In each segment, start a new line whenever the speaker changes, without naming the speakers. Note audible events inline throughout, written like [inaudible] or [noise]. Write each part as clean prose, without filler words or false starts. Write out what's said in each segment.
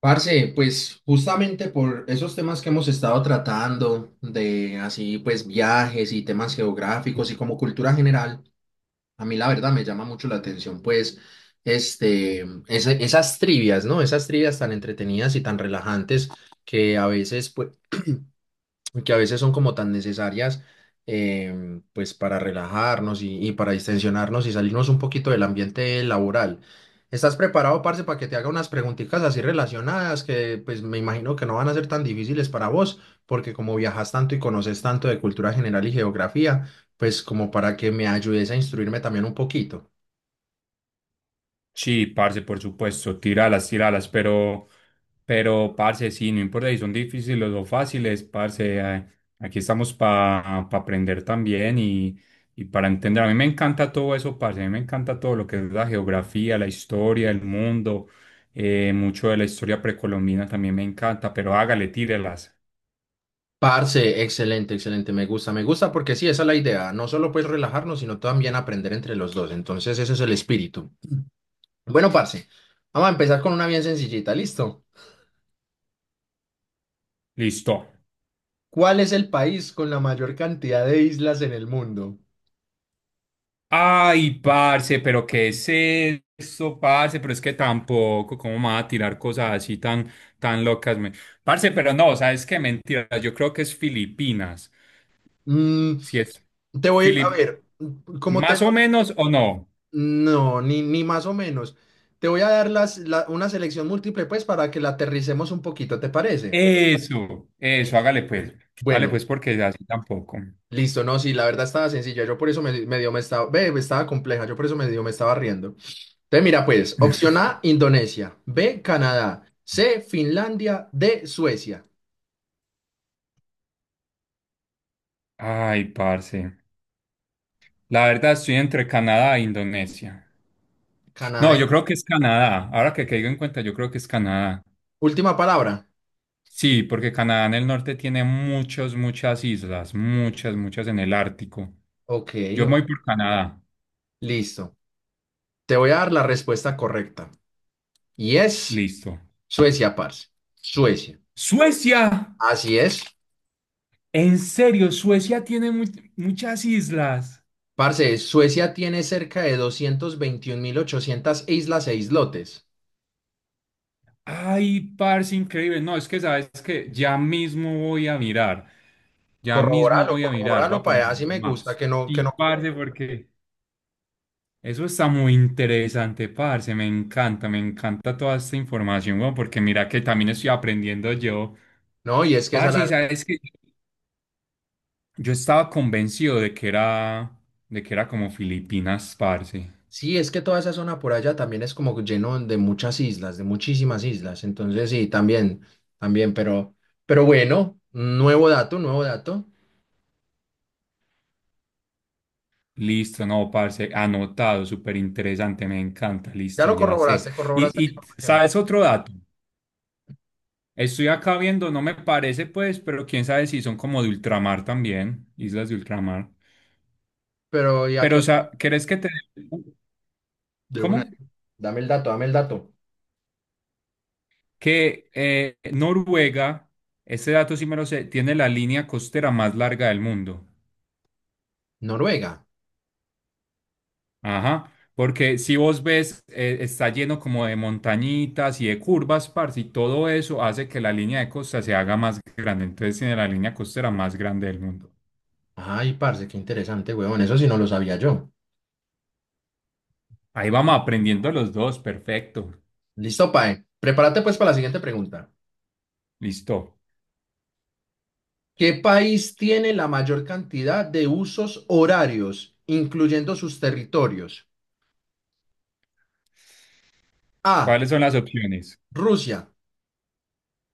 Parce, pues justamente por esos temas que hemos estado tratando, de así pues viajes y temas geográficos y como cultura general, a mí la verdad me llama mucho la atención esas trivias, ¿no? Esas trivias tan entretenidas y tan relajantes que a veces pues, que a veces son como tan necesarias pues para relajarnos y para distensionarnos y salirnos un poquito del ambiente laboral. ¿Estás preparado, parce, para que te haga unas preguntitas así relacionadas que pues me imagino que no van a ser tan difíciles para vos, porque como viajas tanto y conoces tanto de cultura general y geografía, pues como para que me ayudes a instruirme también un poquito?
Sí, parce, por supuesto, tíralas, tíralas, pero, parce, sí, no importa si son difíciles o fáciles, parce, aquí estamos para aprender también y para entender. A mí me encanta todo eso, parce, a mí me encanta todo lo que es la geografía, la historia, el mundo, mucho de la historia precolombina también me encanta, pero hágale, tírelas.
Parce, excelente, excelente, me gusta porque sí, esa es la idea, no solo pues relajarnos, sino también aprender entre los dos, entonces ese es el espíritu. Bueno, parce, vamos a empezar con una bien sencillita, ¿listo?
Listo.
¿Cuál es el país con la mayor cantidad de islas en el mundo?
Ay, parce, pero ¿qué es eso, parce? Pero es que tampoco, ¿cómo me va a tirar cosas así tan locas? Parce, pero no, ¿sabes qué? Mentira, yo creo que es Filipinas.
Mm,
Si es
te voy a
Filip...
ver, ¿cómo te...?
¿Más o menos o no?
No, ni más o menos. Te voy a dar una selección múltiple, pues, para que la aterricemos un poquito, ¿te parece?
Eso,
Listo.
hágale pues. Hágale
Bueno,
pues porque así tampoco.
listo, no, sí, la verdad estaba sencilla, yo por eso me, me dio, me estaba, ve, estaba compleja, yo por eso me dio, me estaba riendo. Entonces, mira, pues, opción
[laughs]
A, Indonesia, B, Canadá, C, Finlandia, D, Suecia.
Ay, parce. La verdad estoy entre Canadá e Indonesia. No,
Canadá.
yo creo que es Canadá. Ahora que caigo en cuenta, yo creo que es Canadá.
Última palabra.
Sí, porque Canadá en el norte tiene muchas, muchas islas, muchas, muchas en el Ártico.
Ok,
Yo me
o-
voy por Canadá.
listo. Te voy a dar la respuesta correcta. Y es
Listo.
Suecia, parce. Suecia.
Suecia,
Así es.
en serio, Suecia tiene muchas islas.
Parce, Suecia tiene cerca de 221.800 islas e islotes.
Ay, parce, increíble. No, es que sabes que ya mismo voy a mirar. Ya mismo
Corroboralo,
voy a mirar. Voy
corroboralo,
a poner
para así me gusta
maps.
que no, que
Sí,
no.
parce, porque eso está muy interesante, parce. Me encanta toda esta información, weón, porque mira que también estoy aprendiendo yo.
No, y es que esa
Parce, y
la...
sabes que yo estaba convencido de que era como Filipinas, parce.
Sí, es que toda esa zona por allá también es como lleno de muchas islas, de muchísimas islas. Entonces, sí, también, también, pero, pero bueno, nuevo dato, nuevo dato.
Listo, no, parce, anotado, súper interesante, me encanta,
Ya lo
listo, ya sé.
corroboraste, corroboraste la información.
¿Sabes otro dato? Estoy acá viendo, no me parece, pues, pero quién sabe si son como de ultramar también, islas de ultramar.
Pero ya que...
Pero, o sea, ¿crees que te...
De una.
¿Cómo?
Dame el dato, dame el dato.
Que Noruega, este dato sí me lo sé, tiene la línea costera más larga del mundo.
Noruega.
Ajá, porque si vos ves, está lleno como de montañitas y de curvas, parce, y todo eso hace que la línea de costa se haga más grande. Entonces tiene la línea costera más grande del mundo.
Ay, parce, qué interesante, weón. Eso sí no lo sabía yo.
Ahí vamos aprendiendo los dos, perfecto.
Listo, Pae. Prepárate pues para la siguiente pregunta.
Listo.
¿Qué país tiene la mayor cantidad de usos horarios, incluyendo sus territorios? A.
¿Cuáles son las opciones?
Rusia.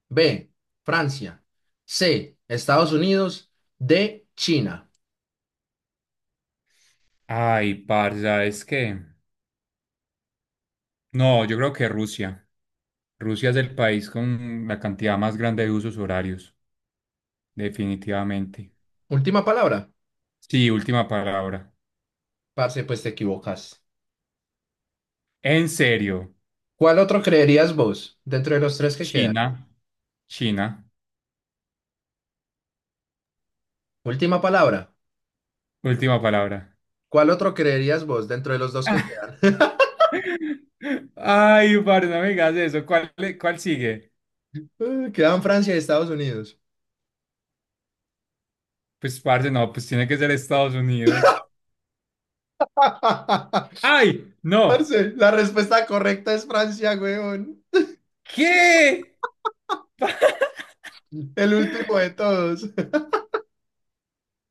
B. Francia. C. Estados Unidos. D. China.
Ay, parce, es que... No, yo creo que Rusia. Rusia es el país con la cantidad más grande de usos horarios. Definitivamente.
Última palabra.
Sí, última palabra.
Parce, pues te equivocas.
En serio,
¿Cuál otro creerías vos dentro de los tres que quedan?
China, China,
Última palabra.
última palabra.
¿Cuál otro creerías vos dentro de los dos que
[laughs]
quedan? [laughs]
Ay, parce, no me digas eso. ¿Cuál sigue?
Quedan Francia y Estados Unidos.
Pues, parce, no, pues tiene que ser Estados Unidos.
[laughs]
¡Ay! ¡No!
Parce, la respuesta correcta es Francia, weón.
¿Qué? [laughs]
El último de todos. [laughs]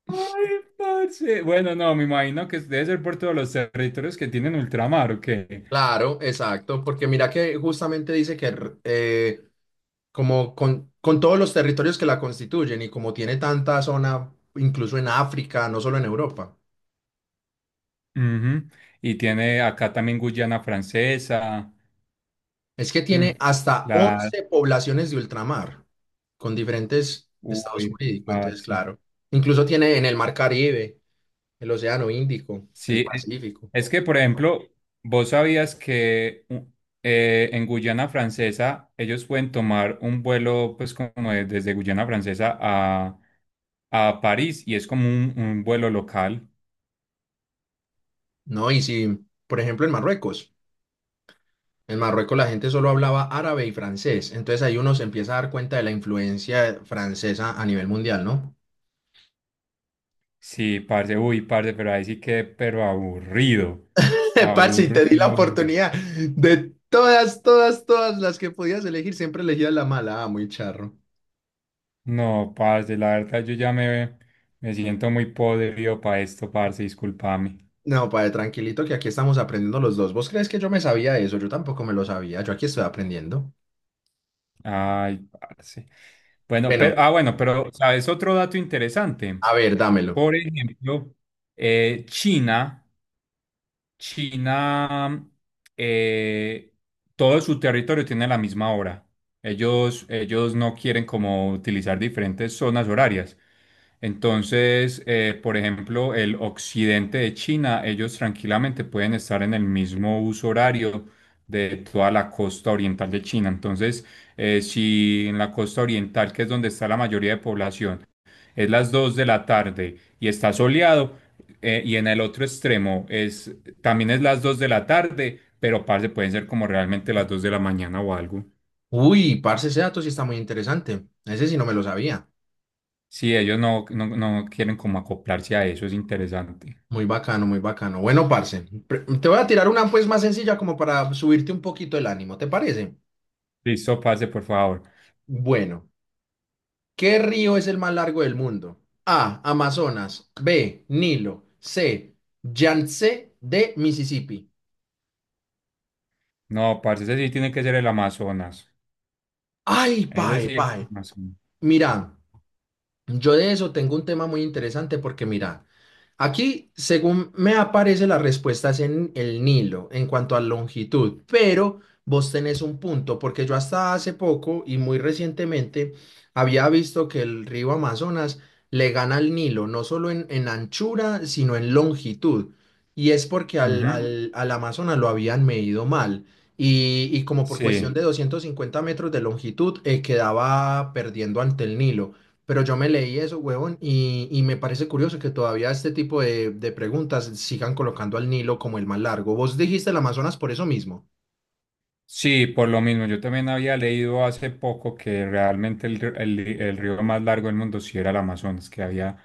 ¡Ay, parce! Bueno, no, me imagino que debe ser por todos los territorios que tienen ultramar, ¿o qué?
Claro, exacto, porque mira que justamente como con todos los territorios que la constituyen y como tiene tanta zona, incluso en África, no solo en Europa.
Ujú. Y tiene acá también Guyana Francesa.
Es que
mm,
tiene hasta
La,
11 poblaciones de ultramar con diferentes estados
Uy,
jurídicos, entonces
parce.
claro. Incluso tiene en el Mar Caribe, el Océano Índico,
Sí,
el Pacífico,
es que, por ejemplo, vos sabías que u- en Guyana Francesa ellos pueden tomar un vuelo, pues, desde Guyana Francesa a París y es como un vuelo local.
¿no? Y si, por ejemplo, en Marruecos la gente solo hablaba árabe y francés, entonces ahí uno se empieza a dar cuenta de la influencia francesa a nivel mundial, ¿no?
Sí, parce, uy, parce, pero ahí sí que, pero aburrido.
[laughs] Parce, y te di la
Aburrido, aburrido.
oportunidad de todas, todas, todas las que podías elegir, siempre elegías la mala, ah, muy charro.
No, parce, la verdad, me siento muy podrido para esto, parce, discúlpame.
No, padre, tranquilito que aquí estamos aprendiendo los dos. ¿Vos crees que yo me sabía eso? Yo tampoco me lo sabía. Yo aquí estoy aprendiendo.
Ay, parce. Bueno,
Bueno,
pero, ah, bueno, pero, ¿sabes? Otro dato interesante.
a ver, dámelo.
Por ejemplo, China. China, eh, todo su territorio tiene la misma hora. Ellos no quieren como utilizar diferentes zonas horarias. Entonces, por ejemplo, el occidente de China, ellos tranquilamente pueden estar en el mismo uso horario de toda la costa oriental de China. Entonces, si en la costa oriental, que es donde está la mayoría de población, es las 2 de la tarde y está soleado, y en el otro extremo también es las 2 de la tarde, pero parce, pueden ser como realmente las 2 de la mañana o algo.
Uy, parce, ese dato sí está muy interesante. Ese sí no me lo sabía.
Si ellos no quieren como acoplarse a eso, es interesante.
Muy bacano, muy bacano. Bueno, parce, te voy a tirar una pues más sencilla como para subirte un poquito el ánimo, ¿te parece?
Listo, parce, por favor.
Bueno, ¿qué río es el más largo del mundo? A, Amazonas. B, Nilo. C, Yangtze. D, Mississippi.
No, parce, ese sí tiene que ser el Amazonas.
Ay,
Ese
pae,
sí es el
pae.
Amazonas.
Mira. Yo de eso tengo un tema muy interesante porque mira, aquí según me aparece las respuestas en el Nilo en cuanto a longitud, pero vos tenés un punto porque yo hasta hace poco y muy recientemente había visto que el río Amazonas le gana al Nilo, no solo en anchura, sino en longitud. Y es porque
Ujú.
al Amazonas lo habían medido mal. Y como por cuestión
Sí,
de 250 metros de longitud, quedaba perdiendo ante el Nilo. Pero yo me leí eso, huevón, y me parece curioso que todavía este tipo de preguntas sigan colocando al Nilo como el más largo. Vos dijiste el Amazonas por eso mismo,
sí, por lo mismo. Yo también había leído hace poco que realmente el río más largo del mundo sí era el Amazonas, que había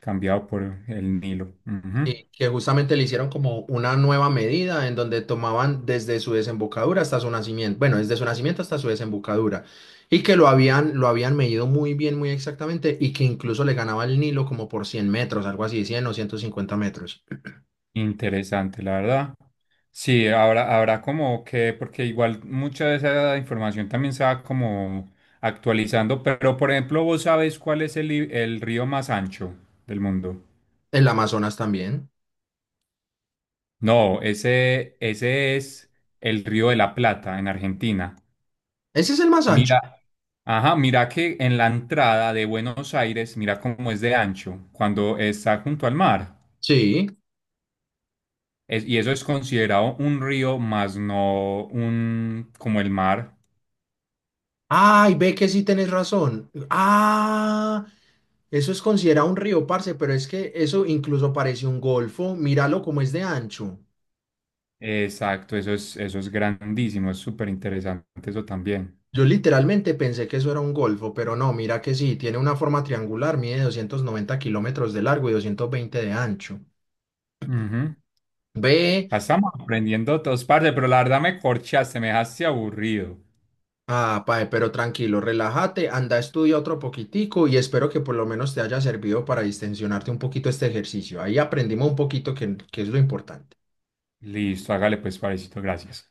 cambiado por el Nilo. Ujú.
Sí. Que justamente le hicieron como una nueva medida en donde tomaban desde su desembocadura hasta su nacimiento, bueno, desde su nacimiento hasta su desembocadura, y que lo habían medido muy bien, muy exactamente, y que incluso le ganaba al Nilo como por 100 metros, algo así, 100 o 150 metros.
Interesante, la verdad. Sí, habrá como que, porque igual mucha de esa información también se va como actualizando, pero por ejemplo, ¿vos sabés cuál es el río más ancho del mundo?
El Amazonas también.
No, ese es el río de la Plata en Argentina.
Ese es el más ancho.
Mira, ajá, mira que en la entrada de Buenos Aires, mira cómo es de ancho cuando está junto al mar.
Sí.
Y eso es considerado un río más no un como el mar.
Ay, ve que sí tenés razón. Ah, eso es considerado un río, parce, pero es que eso incluso parece un golfo. Míralo como es de ancho.
Exacto, eso es grandísimo, es súper interesante eso también.
Yo literalmente pensé que eso era un golfo, pero no, mira que sí, tiene una forma triangular, mide 290 kilómetros de largo y 220 de ancho.
Ujú.
Ve,
Estamos aprendiendo todos, parce, pero la verdad me corchaste, me dejaste aburrido.
ah, pae, pero tranquilo, relájate, anda, estudia otro poquitico y espero que por lo menos te haya servido para distensionarte un poquito este ejercicio. Ahí aprendimos un poquito que es lo importante.
Listo, hágale pues, parecito, gracias.